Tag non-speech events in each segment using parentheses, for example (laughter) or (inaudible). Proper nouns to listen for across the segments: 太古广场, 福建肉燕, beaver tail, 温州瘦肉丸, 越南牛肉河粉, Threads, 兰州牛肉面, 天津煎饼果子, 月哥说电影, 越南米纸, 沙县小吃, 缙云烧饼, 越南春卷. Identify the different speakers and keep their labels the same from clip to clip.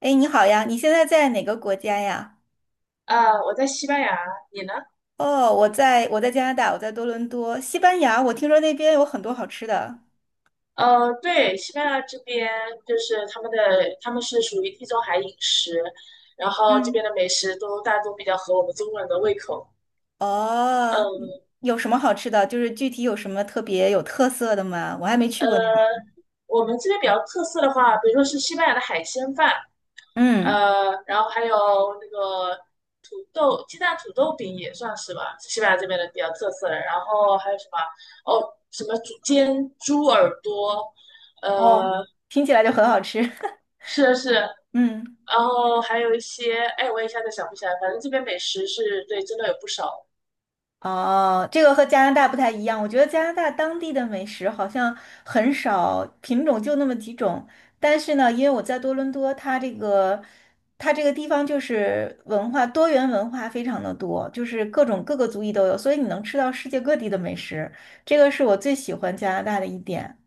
Speaker 1: 哎，你好呀，你现在在哪个国家呀？
Speaker 2: 我在西班牙，你呢？
Speaker 1: 哦，我在加拿大，我在多伦多，西班牙。我听说那边有很多好吃的。
Speaker 2: 对，西班牙这边就是他们的，他们是属于地中海饮食，然后这
Speaker 1: 嗯，
Speaker 2: 边的美食都大多比较合我们中国人的胃口。
Speaker 1: 哦，嗯，
Speaker 2: 嗯。
Speaker 1: 有什么好吃的？就是具体有什么特别有特色的吗？我还没去
Speaker 2: 呃，
Speaker 1: 过那边。
Speaker 2: 我们这边比较特色的话，比如说是西班牙的海鲜饭，
Speaker 1: 嗯，
Speaker 2: 然后还有那个土豆鸡蛋土豆饼也算是吧，是西班牙这边的比较特色的。然后还有什么？哦，什么猪煎猪耳朵。
Speaker 1: 哦，
Speaker 2: 呃，
Speaker 1: 听起来就很好吃。(laughs)
Speaker 2: 是是，然
Speaker 1: 嗯。
Speaker 2: 后还有一些，哎，我一下子想不起来，反正这边美食是对，真的有不少。
Speaker 1: 哦，这个和加拿大不太一样。我觉得加拿大当地的美食好像很少，品种就那么几种。但是呢，因为我在多伦多，它这个地方就是多元文化非常的多，就是各个族裔都有，所以你能吃到世界各地的美食。这个是我最喜欢加拿大的一点。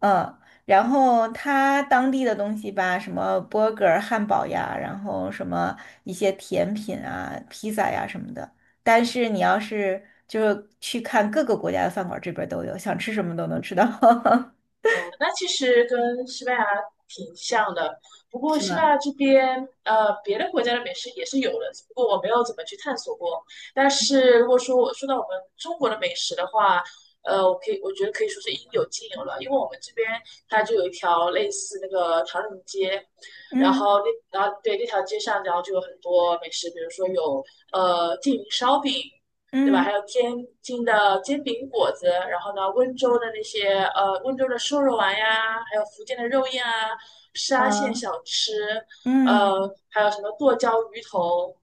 Speaker 1: 嗯，然后它当地的东西吧，什么 burger 汉堡呀，然后什么一些甜品啊、披萨呀什么的。但是你要是就是去看各个国家的饭馆，这边儿都有，想吃什么都能吃到。(laughs)
Speaker 2: 嗯，那其实跟西班牙挺像的，不过
Speaker 1: 是
Speaker 2: 西班
Speaker 1: 吗？
Speaker 2: 牙这边，别的国家的美食也是有的，只不过我没有怎么去探索过。但是如果说我说到我们中国的美食的话，我觉得可以说是应有尽有了，因为我们这边它就有一条类似那个唐人街，然
Speaker 1: 嗯
Speaker 2: 后对，那条街上，然后就有很多美食，比如说有缙云烧饼。对吧？还
Speaker 1: 嗯
Speaker 2: 有天津的煎饼果子，然后呢，温州的那些温州的瘦肉丸呀，还有福建的肉燕啊，沙县
Speaker 1: 嗯，
Speaker 2: 小吃。
Speaker 1: 嗯，
Speaker 2: 还有什么剁椒鱼头，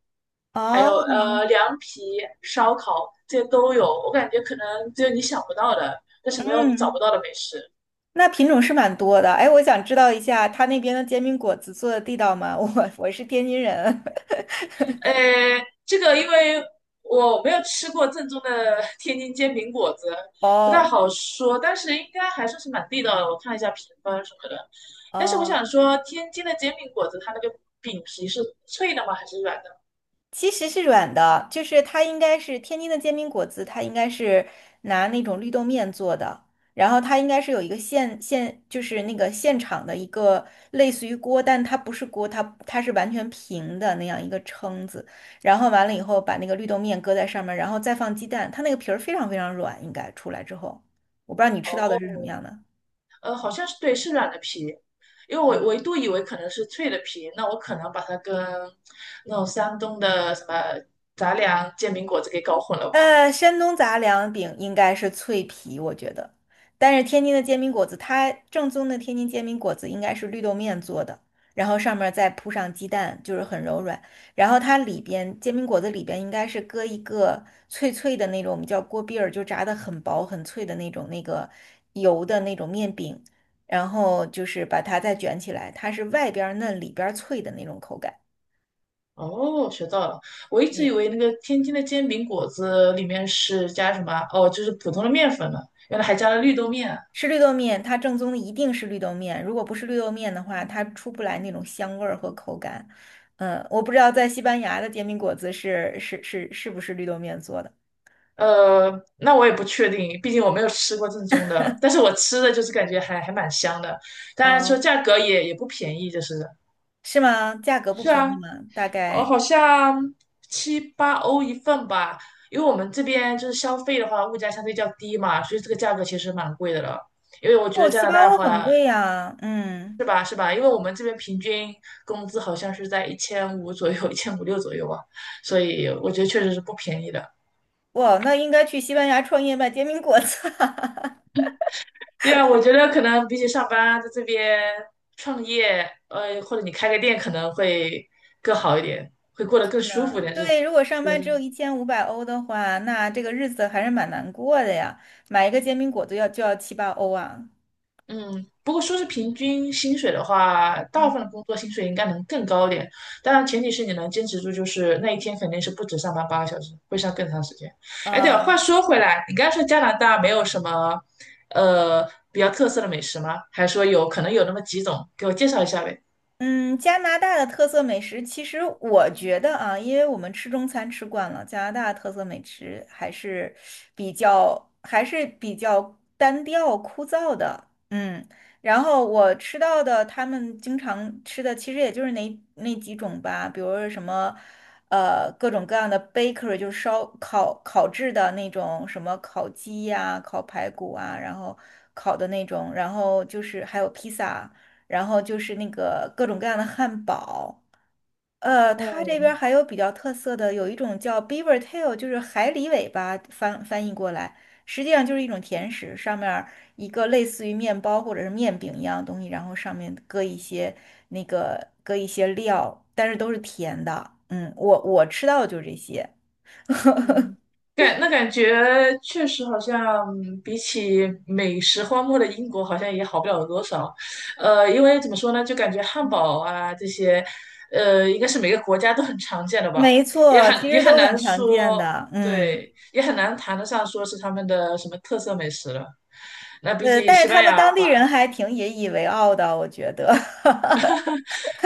Speaker 2: 还
Speaker 1: 哦，
Speaker 2: 有凉皮、烧烤，这些都有。我感觉可能只有你想不到的，但是没有你找
Speaker 1: 嗯，
Speaker 2: 不到的美食。
Speaker 1: 那品种是蛮多的。哎，我想知道一下，他那边的煎饼果子做的地道吗？(laughs) 我是天津人。
Speaker 2: 呃，这个因为我没有吃过正宗的 (laughs) 天津煎饼果子，
Speaker 1: (laughs)
Speaker 2: 不太
Speaker 1: 哦
Speaker 2: 好说，但是应该还算是蛮地道的。我看了一下评分什么的，但是我
Speaker 1: 哦。
Speaker 2: 想说，天津的煎饼果子它那个饼皮是脆的吗？还是软的？
Speaker 1: 其实是软的，就是它应该是天津的煎饼果子，它应该是拿那种绿豆面做的，然后它应该是有一个就是那个现场的一个类似于锅，但它不是锅，它是完全平的那样一个撑子，然后完了以后把那个绿豆面搁在上面，然后再放鸡蛋，它那个皮儿非常非常软，应该出来之后，我不知道你吃到的
Speaker 2: 哦，
Speaker 1: 是什么样的。
Speaker 2: 好像是对，是软的皮，因为我一度以为可能是脆的皮，那我可能把它跟那种山东的什么杂粮煎饼果子给搞混了吧。
Speaker 1: 山东杂粮饼应该是脆皮，我觉得。但是天津的煎饼果子，它正宗的天津煎饼果子应该是绿豆面做的，然后上面儿再铺上鸡蛋，就是很柔软。然后它里边煎饼果子里边应该是搁一个脆脆的那种，我们叫锅篦儿，就炸的很薄很脆的那个油的那种面饼，然后就是把它再卷起来，它是外边儿嫩里边儿脆的那种口感。
Speaker 2: 哦，学到了。我一直以
Speaker 1: 对。
Speaker 2: 为那个天津的煎饼果子里面是加什么？哦，就是普通的面粉呢，原来还加了绿豆面啊。
Speaker 1: 吃绿豆面，它正宗的一定是绿豆面，如果不是绿豆面的话，它出不来那种香味儿和口感。嗯，我不知道在西班牙的煎饼果子是不是绿豆面做的？
Speaker 2: 呃，那我也不确定，毕竟我没有吃过正宗的。但是我吃的就是感觉还蛮香的，当然说
Speaker 1: 哦，
Speaker 2: 价格也不便宜，就是
Speaker 1: 是吗？价格不
Speaker 2: 是
Speaker 1: 便
Speaker 2: 啊。
Speaker 1: 宜吗？大概
Speaker 2: 好像七八欧一份吧。因为我们这边就是消费的话，物价相对较低嘛，所以这个价格其实蛮贵的了。因为我觉得
Speaker 1: 哦，
Speaker 2: 加
Speaker 1: 七
Speaker 2: 拿
Speaker 1: 八
Speaker 2: 大的
Speaker 1: 欧很
Speaker 2: 话，
Speaker 1: 贵呀。嗯，
Speaker 2: 是吧？是吧？因为我们这边平均工资好像是在一千五左右，(laughs) 1500到1600左右啊，所以我觉得确实是不便宜的。
Speaker 1: 哇，那应该去西班牙创业卖煎饼果子啊，
Speaker 2: (laughs) 对啊，我觉得可能比起上班，在这边创业，或者你开个店，可能会更好一点，会过
Speaker 1: (laughs)
Speaker 2: 得更
Speaker 1: 是
Speaker 2: 舒服
Speaker 1: 吗？
Speaker 2: 一点日子。
Speaker 1: 对，如果上班只有
Speaker 2: 是。
Speaker 1: 1500欧的话，那这个日子还是蛮难过的呀。买一个煎饼果子就要七八欧啊。
Speaker 2: 嗯，不过说是平均薪水的话，大部
Speaker 1: 嗯，
Speaker 2: 分的工作薪水应该能更高一点，当然前提是你能坚持住，就是那一天肯定是不止上班8个小时，会上更长时间。哎，对了，话
Speaker 1: 呃
Speaker 2: 说回来，你刚才说加拿大没有什么，呃，比较特色的美食吗？还是说有可能有那么几种？给我介绍一下呗。
Speaker 1: 嗯，加拿大的特色美食，其实我觉得啊，因为我们吃中餐吃惯了，加拿大的特色美食还是还是比较单调枯燥的。嗯，然后我吃到的他们经常吃的，其实也就是那几种吧，比如说什么各种各样的 bakery，就是烧烤烤制的那种什么烤鸡呀、烤排骨啊，然后烤的那种，然后就是还有披萨然后就是那个各种各样的汉堡。它
Speaker 2: 哦，
Speaker 1: 这边儿还有比较特色的，有一种叫 beaver tail，就是海狸尾巴翻译过来，实际上就是一种甜食，上面儿一个类似于面包或者是面饼一样的东西，然后上面搁一些那个搁一些料，但是都是甜的。嗯，我吃到的就是这些，
Speaker 2: 嗯，感觉确实好像比起美食荒漠的英国，好像也好不了多少。因为怎么说呢，就感觉汉堡啊这些，应该是每个国家都很常见的吧，
Speaker 1: 没
Speaker 2: 也
Speaker 1: 错，其
Speaker 2: 很也
Speaker 1: 实
Speaker 2: 很
Speaker 1: 都很
Speaker 2: 难
Speaker 1: 常见
Speaker 2: 说，
Speaker 1: 的。嗯，
Speaker 2: 对，也很难谈得上说是他们的什么特色美食了。那比起
Speaker 1: 但是
Speaker 2: 西
Speaker 1: 他
Speaker 2: 班
Speaker 1: 们
Speaker 2: 牙的
Speaker 1: 当地
Speaker 2: 话，
Speaker 1: 人还挺引以为傲的，我觉得。(laughs)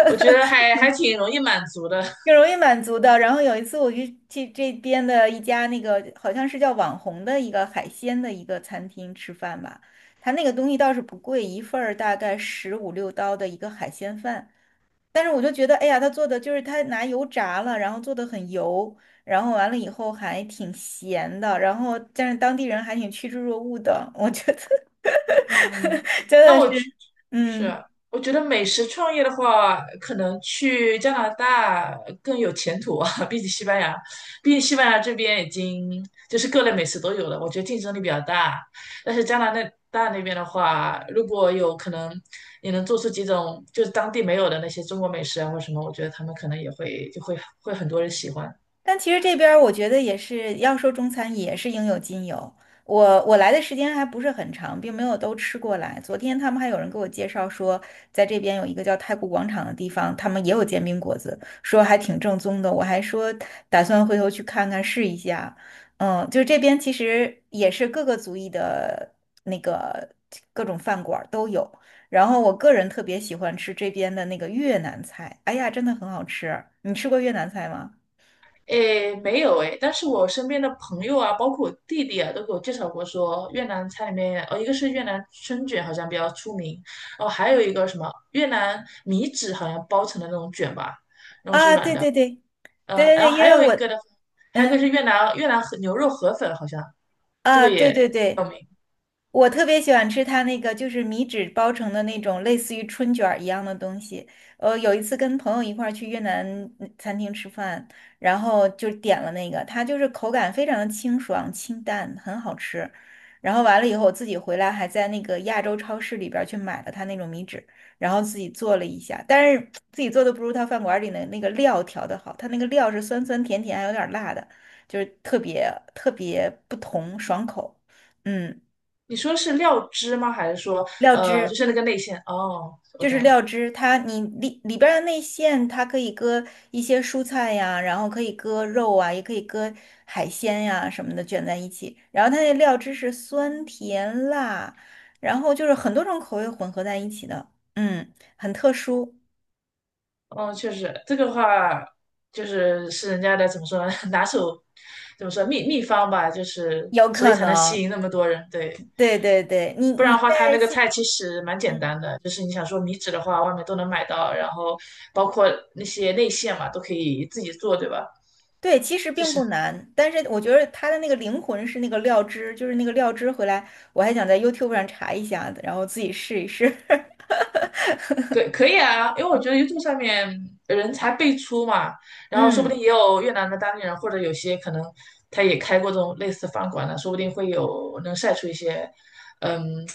Speaker 2: 我觉得还挺容易满足的。(laughs)
Speaker 1: 挺容易满足的。然后有一次我去这边的一家那个好像是叫网红的一个海鲜的一个餐厅吃饭吧，他那个东西倒是不贵，一份儿大概15、16刀的一个海鲜饭。但是我就觉得，哎呀，他做的就是他拿油炸了，然后做的很油，然后完了以后还挺咸的，然后但是当地人还挺趋之若鹜的，我觉得
Speaker 2: 嗯，
Speaker 1: (laughs) 真
Speaker 2: 那
Speaker 1: 的
Speaker 2: 我
Speaker 1: 是，
Speaker 2: 是
Speaker 1: 嗯。
Speaker 2: 我觉得美食创业的话，可能去加拿大更有前途啊，(laughs) 比起西班牙，毕竟西班牙这边已经就是各类美食都有了，我觉得竞争力比较大。但是加拿大那边的话，如果有可能，你能做出几种就是当地没有的那些中国美食啊或什么，我觉得他们可能也会就会会很多人喜欢。
Speaker 1: 但其实这边儿我觉得也是，要说中餐也是应有尽有。我来的时间还不是很长，并没有都吃过来。昨天他们还有人给我介绍说，在这边有一个叫太古广场的地方，他们也有煎饼果子，说还挺正宗的。我还说打算回头去看看试一下。嗯，就这边其实也是各个族裔的那个各种饭馆儿都有。然后我个人特别喜欢吃这边的那个越南菜，哎呀，真的很好吃。你吃过越南菜吗？
Speaker 2: 诶，没有诶，但是我身边的朋友啊，包括我弟弟啊，都给我介绍过说越南菜里面，哦，一个是越南春卷好像比较出名，哦，还有一个什么越南米纸好像包成的那种卷吧，
Speaker 1: 啊，对对对，对
Speaker 2: 嗯，
Speaker 1: 对
Speaker 2: 然
Speaker 1: 对，
Speaker 2: 后
Speaker 1: 因
Speaker 2: 还
Speaker 1: 为
Speaker 2: 有一
Speaker 1: 我，
Speaker 2: 个的，还有一个是
Speaker 1: 嗯，
Speaker 2: 越南和牛肉河粉好像这
Speaker 1: 啊，
Speaker 2: 个
Speaker 1: 对
Speaker 2: 也
Speaker 1: 对
Speaker 2: 有
Speaker 1: 对，
Speaker 2: 名。
Speaker 1: 我特别喜欢吃它那个就是米纸包成的那种类似于春卷儿一样的东西。有一次跟朋友一块儿去越南餐厅吃饭，然后就点了那个，它就是口感非常的清爽清淡，很好吃。然后完了以后，我自己回来还在那个亚洲超市里边儿去买了它那种米纸，然后自己做了一下，但是自己做的不如他饭馆儿里的那个料调的好，它那个料是酸酸甜甜，还有点儿辣的。就是特别特别不同，爽口。嗯，
Speaker 2: 你说是料汁吗？还是说
Speaker 1: 料
Speaker 2: 就
Speaker 1: 汁
Speaker 2: 是那个内馅？哦，我
Speaker 1: 就是
Speaker 2: 懂了。
Speaker 1: 料汁，你里边儿的内馅，它可以搁一些蔬菜呀，然后可以搁肉啊，也可以搁海鲜呀什么的卷在一起。然后它那料汁是酸甜辣，然后就是很多种口味混合在一起的，嗯，很特殊，
Speaker 2: 嗯，确实，这个话就是是人家的怎么说呢？(laughs) 拿手怎么说秘方吧，就是
Speaker 1: 有
Speaker 2: 所以
Speaker 1: 可
Speaker 2: 才能吸
Speaker 1: 能。
Speaker 2: 引那么多人。对，
Speaker 1: 对对对，你
Speaker 2: 不然
Speaker 1: 你
Speaker 2: 的话，他
Speaker 1: 在
Speaker 2: 那个
Speaker 1: 西，
Speaker 2: 菜其实蛮简
Speaker 1: 嗯。
Speaker 2: 单的，就是你想说米纸的话，外面都能买到，然后包括那些内馅嘛，都可以自己做，对吧？
Speaker 1: 对，其实
Speaker 2: 就
Speaker 1: 并
Speaker 2: 是。
Speaker 1: 不难，但是我觉得它的那个灵魂是那个料汁，就是那个料汁回来，我还想在 YouTube 上查一下，然后自己试一试。(laughs)
Speaker 2: 可以啊，因为我觉得 YouTube 上面人才辈出嘛，然后说不定
Speaker 1: 嗯，
Speaker 2: 也有越南的当地人，或者有些可能他也开过这种类似饭馆的，说不定会有能晒出一些，嗯，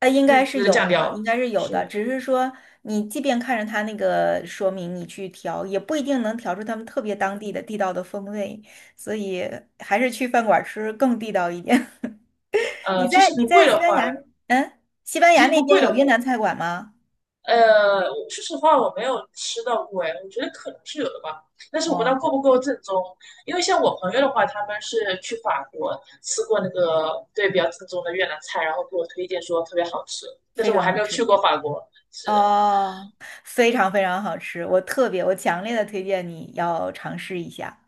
Speaker 1: 应
Speaker 2: 秘
Speaker 1: 该是
Speaker 2: 制的
Speaker 1: 有
Speaker 2: 酱
Speaker 1: 的，
Speaker 2: 料。
Speaker 1: 应该是有
Speaker 2: 是
Speaker 1: 的，
Speaker 2: 的。
Speaker 1: 只是说你即便看着它那个说明，你去调，也不一定能调出他们特别当地的地道的风味，所以还是去饭馆吃更地道一点。(laughs) 你
Speaker 2: 呃，其
Speaker 1: 在
Speaker 2: 实
Speaker 1: 你
Speaker 2: 不贵
Speaker 1: 在西
Speaker 2: 的
Speaker 1: 班
Speaker 2: 话，
Speaker 1: 牙，嗯，西班
Speaker 2: 其
Speaker 1: 牙
Speaker 2: 实
Speaker 1: 那
Speaker 2: 不
Speaker 1: 边
Speaker 2: 贵的
Speaker 1: 有
Speaker 2: 话。
Speaker 1: 越南菜馆吗？
Speaker 2: 呃，说实话，我没有吃到过，哎，我觉得可能是有的吧，但是我不知道
Speaker 1: 哦，
Speaker 2: 够不够正宗。因为像我朋友的话，他们是去法国吃过那个对比较正宗的越南菜，然后给我推荐说特别好吃，但
Speaker 1: 非
Speaker 2: 是我
Speaker 1: 常
Speaker 2: 还
Speaker 1: 好
Speaker 2: 没有去
Speaker 1: 吃。
Speaker 2: 过法国。是的。
Speaker 1: 哦，非常非常好吃，我特别，我强烈的推荐你要尝试一下。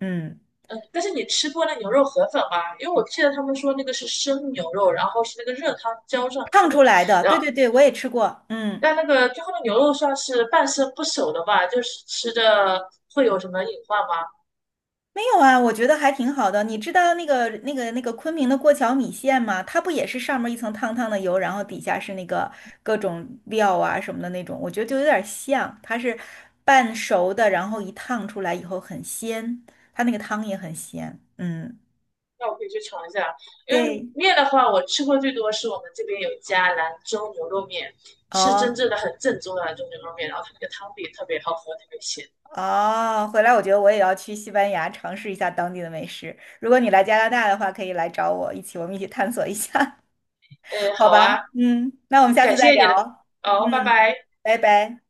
Speaker 1: 嗯，
Speaker 2: 嗯，但是你吃过那牛肉河粉吗？因为我记得他们说那个是生牛肉，然后是那个热汤浇上
Speaker 1: 烫
Speaker 2: 去的，
Speaker 1: 出来的，
Speaker 2: 然
Speaker 1: 对
Speaker 2: 后
Speaker 1: 对对，我也吃过。嗯，
Speaker 2: 但那个最后的牛肉算是半生不熟的吧，就是吃着会有什么隐患吗？
Speaker 1: 没有啊，我觉得还挺好的。你知道那个昆明的过桥米线吗？它不也是上面一层烫烫的油，然后底下是那个各种料啊什么的那种，我觉得就有点像，它是半熟的，然后一烫出来以后很鲜，它那个汤也很鲜。嗯，
Speaker 2: 那我可以去尝一下，因为
Speaker 1: 对。
Speaker 2: 面的话，我吃过最多是我们这边有一家兰州牛肉面，是真
Speaker 1: 哦，
Speaker 2: 正的很正宗的兰州牛肉面，然后它那个汤底特别好喝，特别鲜。
Speaker 1: 哦，回来我觉得我也要去西班牙尝试一下当地的美食。如果你来加拿大的话，可以来找我，我们一起探索一下，(laughs)
Speaker 2: 哎，
Speaker 1: 好
Speaker 2: 好
Speaker 1: 吧？
Speaker 2: 啊，
Speaker 1: 嗯，那我们下次
Speaker 2: 感
Speaker 1: 再
Speaker 2: 谢
Speaker 1: 聊。
Speaker 2: 你的，哦，拜
Speaker 1: 嗯，
Speaker 2: 拜。
Speaker 1: 拜拜。